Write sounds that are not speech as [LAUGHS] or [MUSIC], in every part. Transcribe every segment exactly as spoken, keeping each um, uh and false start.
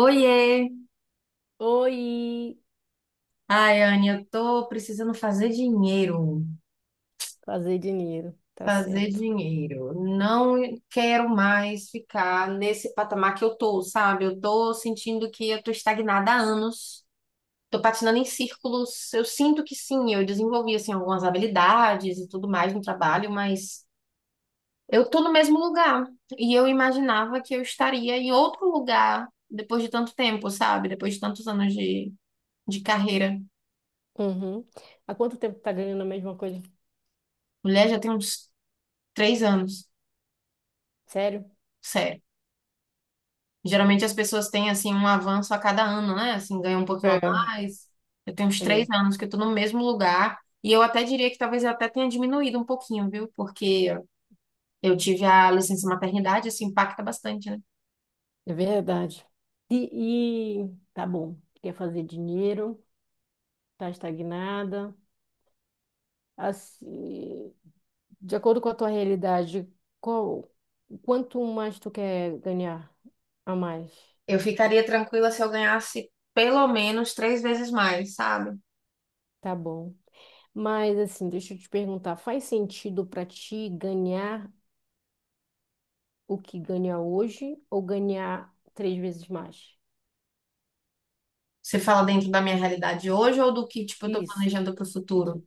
Oiê! Oi, Ai, Anne, eu tô precisando fazer dinheiro. fazer dinheiro, tá Fazer certo. dinheiro. Não quero mais ficar nesse patamar que eu tô, sabe? Eu tô sentindo que eu tô estagnada há anos. Tô patinando em círculos. Eu sinto que sim, eu desenvolvi assim algumas habilidades e tudo mais no trabalho, mas eu tô no mesmo lugar. E eu imaginava que eu estaria em outro lugar depois de tanto tempo, sabe? Depois de tantos anos de, de carreira. Uhum. Há quanto tempo tá ganhando a mesma coisa? Mulher, já tem uns três anos. Sério? Sério. Geralmente as pessoas têm assim um avanço a cada ano, né? Assim, ganham um pouquinho É, a mais. Eu tenho uns três é, anos que eu tô no mesmo lugar e eu até diria que talvez eu até tenha diminuído um pouquinho, viu? Porque eu tive a licença maternidade, isso impacta bastante, né? é verdade. E, e tá bom, quer fazer dinheiro, tá estagnada. Assim, de acordo com a tua realidade, qual, quanto mais tu quer ganhar a mais? Eu ficaria tranquila se eu ganhasse pelo menos três vezes mais, sabe? Tá bom. Mas assim, deixa eu te perguntar, faz sentido pra ti ganhar o que ganha hoje ou ganhar três vezes mais? Você fala dentro da minha realidade hoje ou do que, tipo, eu tô Isso, planejando pro do, futuro?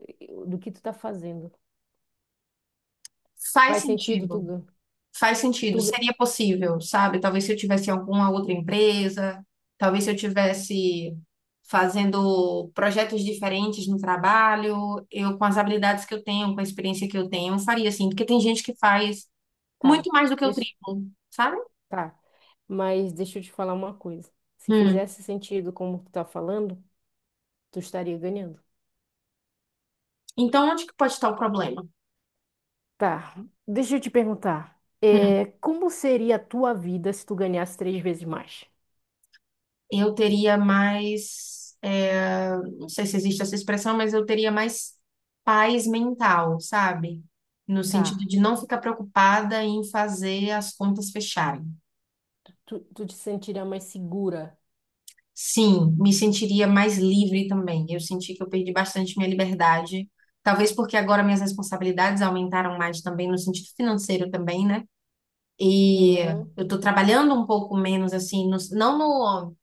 do que tu tá fazendo. Faz Faz sentido, tu, sentido. gan- Faz tu sentido, gan- seria possível, sabe? Talvez se eu tivesse em alguma outra empresa, talvez se eu tivesse fazendo projetos diferentes no trabalho, eu com as habilidades que eu tenho, com a experiência que eu tenho, eu faria assim, porque tem gente que faz muito tá, mais do que o deixa, triplo, sabe? tá. Mas deixa eu te falar uma coisa. Se Hum. fizesse sentido como tu tá falando, tu estaria ganhando. Então, onde que pode estar o problema? Tá, deixa eu te perguntar. É, como seria a tua vida se tu ganhasse três vezes mais? Eu teria mais, é, não sei se existe essa expressão, mas eu teria mais paz mental, sabe? No sentido Tá. de não ficar preocupada em fazer as contas fecharem. Tu, tu te sentiria mais segura. Sim, me sentiria mais livre também. Eu senti que eu perdi bastante minha liberdade, talvez porque agora minhas responsabilidades aumentaram mais também no sentido financeiro também, né? E Uhum, eu tô trabalhando um pouco menos assim, no- não no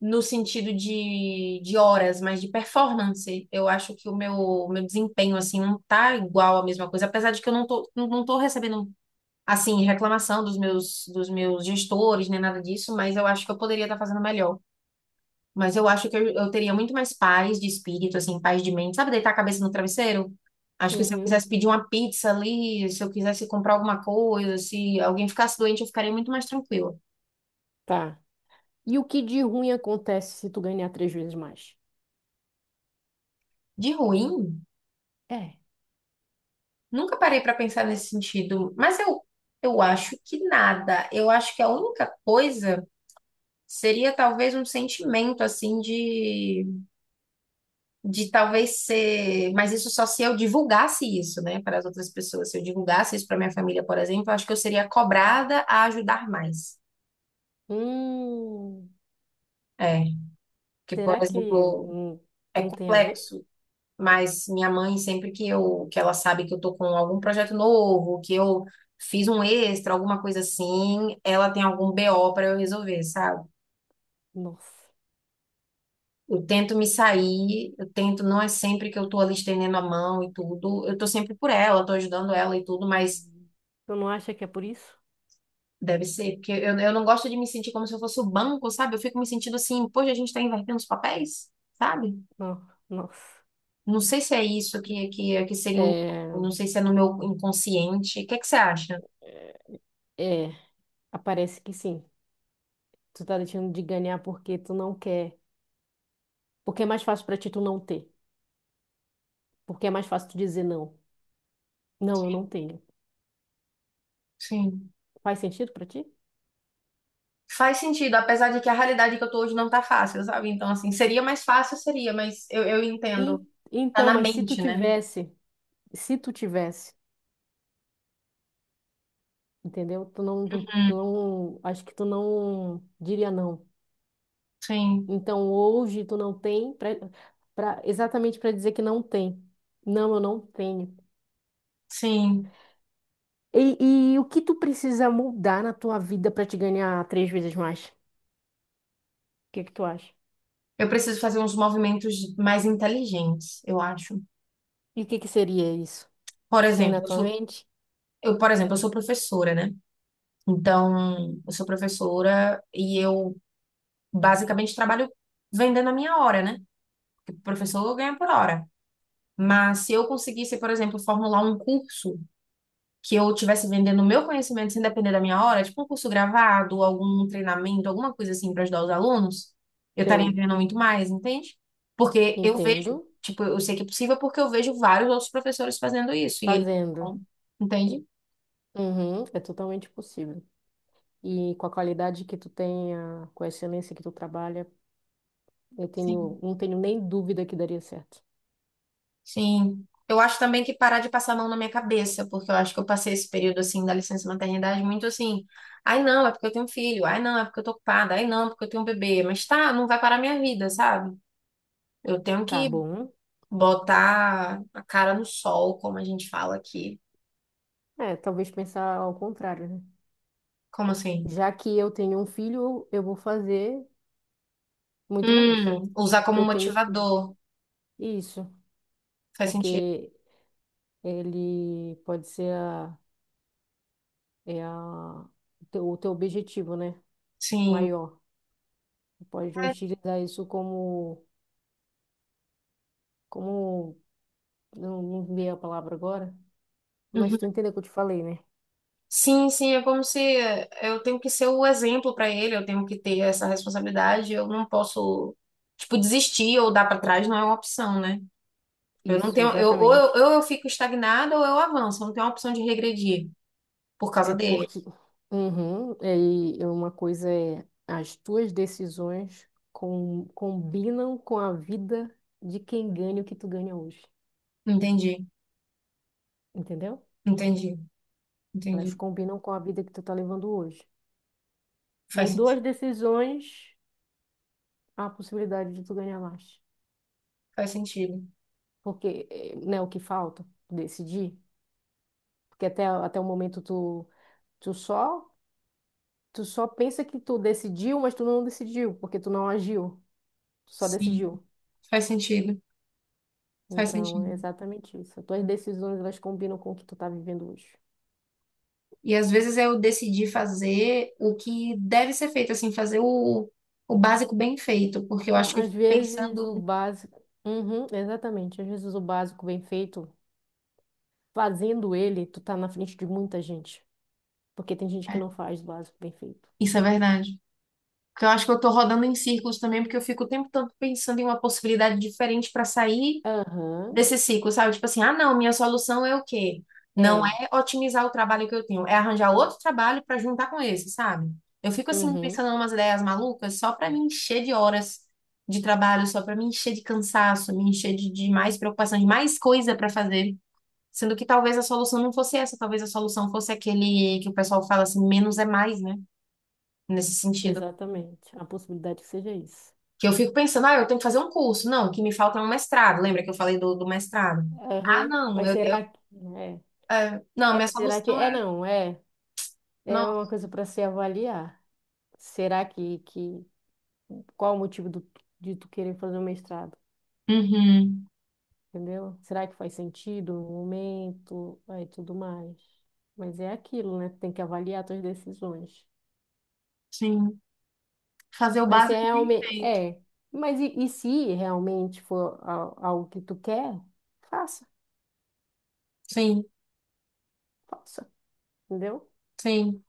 no sentido de, de horas, mas de performance. Eu acho que o meu, meu desempenho, assim, não tá igual à mesma coisa, apesar de que eu não tô, não não tô recebendo, assim, reclamação dos meus, dos meus gestores, nem nada disso, mas eu acho que eu poderia estar fazendo melhor. Mas eu acho que eu, eu teria muito mais paz de espírito, assim, paz de mente. Sabe, deitar a cabeça no travesseiro? Acho que se eu uhum. quisesse pedir uma pizza ali, se eu quisesse comprar alguma coisa, se alguém ficasse doente, eu ficaria muito mais tranquila. Tá. E o que de ruim acontece se tu ganhar três vezes mais? De ruim. É. Nunca parei para pensar nesse sentido, mas eu, eu acho que nada. Eu acho que a única coisa seria talvez um sentimento assim de, de talvez ser, mas isso só se eu divulgasse isso, né, para as outras pessoas. Se eu divulgasse isso para minha família, por exemplo, eu acho que eu seria cobrada a ajudar mais. Hum, É, porque, por será que exemplo, hum, é não tem a ver? complexo. Mas minha mãe, sempre que eu, que ela sabe que eu tô com algum projeto novo, que eu fiz um extra, alguma coisa assim, ela tem algum B O para eu resolver, sabe? Nossa. Eu tento me sair, eu tento, não é sempre que eu tô ali estendendo a mão e tudo, eu tô sempre por ela, tô ajudando ela e tudo, mas Tu não acha que é por isso? deve ser, porque eu, eu não gosto de me sentir como se eu fosse o banco, sabe? Eu fico me sentindo assim, poxa, a gente tá invertendo os papéis, sabe? Não, nossa. Não sei se é isso que, que, que seria o, É, não sei se é no meu inconsciente. O que é que você acha? é, aparece que sim. Tu tá deixando de ganhar porque tu não quer. Porque é mais fácil pra ti tu não ter. Porque é mais fácil tu dizer não. Não, eu não tenho. Sim. Faz sentido pra ti? Faz sentido, apesar de que a realidade que eu tô hoje não tá fácil, sabe? Então, assim, seria mais fácil, seria, mas eu, eu entendo. E- Tá então, na mas se tu mente, né? tivesse, se tu tivesse, entendeu? Tu não, tu Hum, não, acho que tu não diria não. sim, Então hoje tu não tem pra, pra- exatamente para dizer que não tem. Não, eu não tenho. sim. E, e o que tu precisa mudar na tua vida para te ganhar três vezes mais? O que que tu acha? Eu preciso fazer uns movimentos mais inteligentes, eu acho. E o que que seria isso? Por Tu tem exemplo, na eu tua sou, mente? eu, por exemplo, eu sou professora, né? Então, eu sou professora e eu basicamente trabalho vendendo a minha hora, né? Porque professor ganha por hora. Mas se eu conseguisse, por exemplo, formular um curso que eu estivesse vendendo o meu conhecimento sem depender da minha hora, tipo um curso gravado, algum treinamento, alguma coisa assim para ajudar os alunos, eu estaria Sei. vendo muito mais, entende? Porque eu vejo, Entendo. tipo, eu sei que é possível porque eu vejo vários outros professores fazendo isso e eles, Fazendo. não, entende? Uhum, é totalmente possível. E com a qualidade que tu tenha, com a excelência que tu trabalha, eu tenho, Sim. não tenho nem dúvida que daria certo. Sim. Eu acho também que parar de passar a mão na minha cabeça, porque eu acho que eu passei esse período assim da licença maternidade muito assim. Ai, não, é porque eu tenho filho. Ai, não, é porque eu tô ocupada. Ai, não, é porque eu tenho um bebê. Mas tá, não vai parar a minha vida, sabe? Eu tenho Tá que bom. botar a cara no sol, como a gente fala aqui. É, talvez pensar ao contrário, né? Como assim? Já que eu tenho um filho, eu vou fazer muito mais. Hum, usar Porque como eu tenho um filho. motivador. Isso, Faz sentido. porque ele pode ser a, é a, o teu, o teu objetivo, né? Sim. Maior. Tu Pode É. utilizar isso como, como, não, não veio a palavra agora, mas Uhum. tu entendeu o que eu te falei, né? Sim, sim, é como se eh, eu tenho que ser o exemplo para ele, eu tenho que ter essa responsabilidade, eu não posso, tipo, desistir ou dar para trás, não é uma opção, né? Eu não Isso, tenho, eu, ou eu, exatamente. ou eu fico estagnada ou eu avanço, eu não tenho a opção de regredir por causa É dele. porque uhum, é, e é uma coisa é as tuas decisões com- combinam com a vida de quem ganha o que tu ganha hoje, Entendi, entendeu? entendi, Elas entendi. combinam com a vida que tu tá levando hoje. Faz Mudou as sentido, decisões, há a possibilidade de tu ganhar mais. faz sentido. Porque, eh, né, o que falta? Decidir. Porque até, até o momento tu, tu só tu só pensa que tu decidiu, mas tu não decidiu, porque tu não agiu. Tu só Sim, decidiu. faz sentido. Faz Então, sentido. é exatamente isso. As tuas decisões, elas combinam com o que tu tá vivendo hoje. E às vezes eu decidi fazer o que deve ser feito, assim, fazer o, o básico bem feito, porque eu acho que Á- eu Às fico vezes, o pensando. básico... Uhum, exatamente. Às vezes, o básico bem feito, fazendo ele, tu tá na frente de muita gente. Porque tem gente que É, não faz o básico bem feito. isso é verdade. Porque eu acho que eu tô rodando em círculos também, porque eu fico o tempo todo pensando em uma possibilidade diferente para sair Aham, desse ciclo, sabe? Tipo assim, ah, não, minha solução é o quê? Não é. é otimizar o trabalho que eu tenho, é arranjar outro trabalho para juntar com esse, sabe? Eu fico assim Uhum, pensando em umas ideias malucas só para me encher de horas de trabalho, só para me encher de cansaço, me encher de, de mais preocupação, de mais coisa para fazer, sendo que talvez a solução não fosse essa, talvez a solução fosse aquele que o pessoal fala assim, menos é mais, né? Nesse sentido. exatamente. A possibilidade que seja isso. Que eu fico pensando, ah, eu tenho que fazer um curso. Não, o que me falta é um mestrado. Lembra que eu falei do, do mestrado? Ah, Aham, não, mas eu, eu será que... É, não, É, minha será que... solução É, é. não, é. Não. É uma coisa para se avaliar. Será que, que... Qual o motivo do, de tu querer fazer o mestrado? Uhum. Entendeu? Será que faz sentido no momento? Aí tudo mais. Mas é aquilo, né? Tem que avaliar tuas decisões. Sim. Fazer o Mas se básico bem realmente feito. é, mas e, e se realmente for al- algo que tu quer, faça, Sim, faça, entendeu? sim.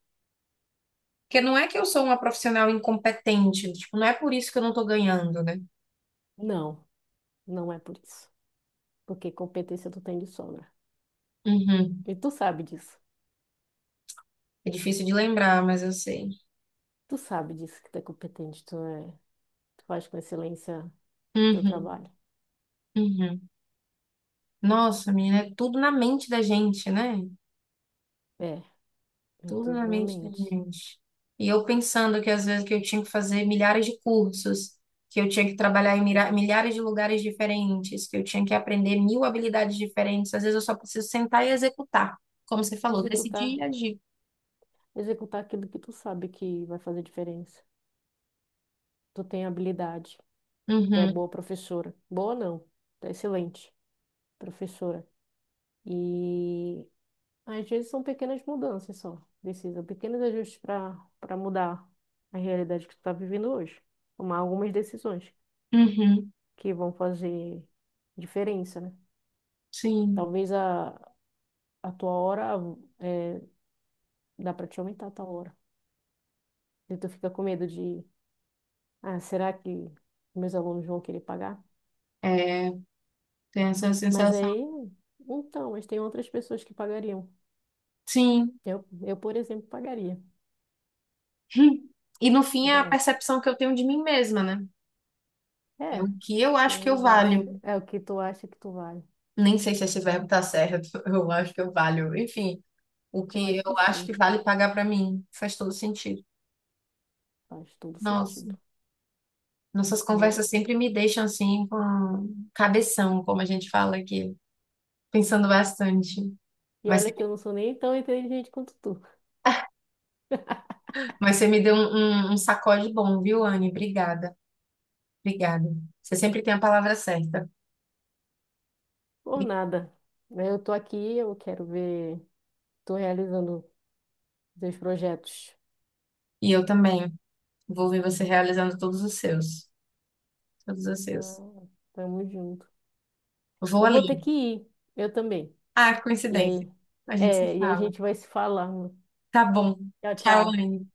Porque não é que eu sou uma profissional incompetente. Tipo, não é por isso que eu não tô ganhando, né? Não, não é por isso. Porque competência tu tem de sobra. Uhum. E tu sabe disso. É difícil de lembrar, mas eu sei. Tu sabe disso que tu é competente, tu é, tu faz com excelência teu Uhum. trabalho. Uhum. Nossa, menina, é tudo na mente da gente, né? É, é Tudo na tudo na mente da mente. gente. E eu pensando que às vezes que eu tinha que fazer milhares de cursos, que eu tinha que trabalhar em mira- milhares de lugares diferentes, que eu tinha que aprender mil habilidades diferentes. Às vezes eu só preciso sentar e executar, como você falou, decidir e Executar. agir. Executar aquilo que tu sabe que vai fazer diferença. Tu tem habilidade, tu é Uhum, boa professora. Boa não, tu é excelente professora. E às vezes são pequenas mudanças só, precisam pequenos ajustes para para mudar a realidade que tu tá vivendo hoje. Tomar algumas decisões uhum, que vão fazer diferença, né? sim. Talvez a, a tua hora é, dá para te aumentar a tua hora. E tu fica com medo de, ah, será que meus alunos vão querer pagar? É, tem essa Mas sensação. aí, então, mas tem outras pessoas que pagariam. Sim. Eu, eu, por exemplo, pagaria. [LAUGHS] E no fim é a É, percepção que eu tenho de mim mesma, né? É o é, que eu tem acho que eu realidade. valho. É o que tu acha que tu vale. Nem sei se esse verbo tá certo, [LAUGHS] eu acho que eu valho. Enfim. O Eu que acho eu que acho que sim, vale pagar pra mim. Faz todo sentido. faz todo Nossa, sentido, nossas né? conversas sempre me deixam assim com cabeção, como a gente fala aqui, pensando bastante. E Mas, olha que eu não sou nem tão inteligente quanto tu. mas você me deu um, um, um sacode bom, viu, Anne? Obrigada, obrigada. Você sempre tem a palavra certa. E Por nada. Né? Eu tô aqui, eu quero ver, tô realizando teus projetos. e eu também vou ver você realizando todos os seus, todos os seus. Ah, tamo junto. Vou Eu vou ali. ter que ir, eu também. Ah, que E coincidência. aí, A gente se é, e aí a fala. gente vai se falando. Tá bom. Tchau, Tchau, tchau. Anne.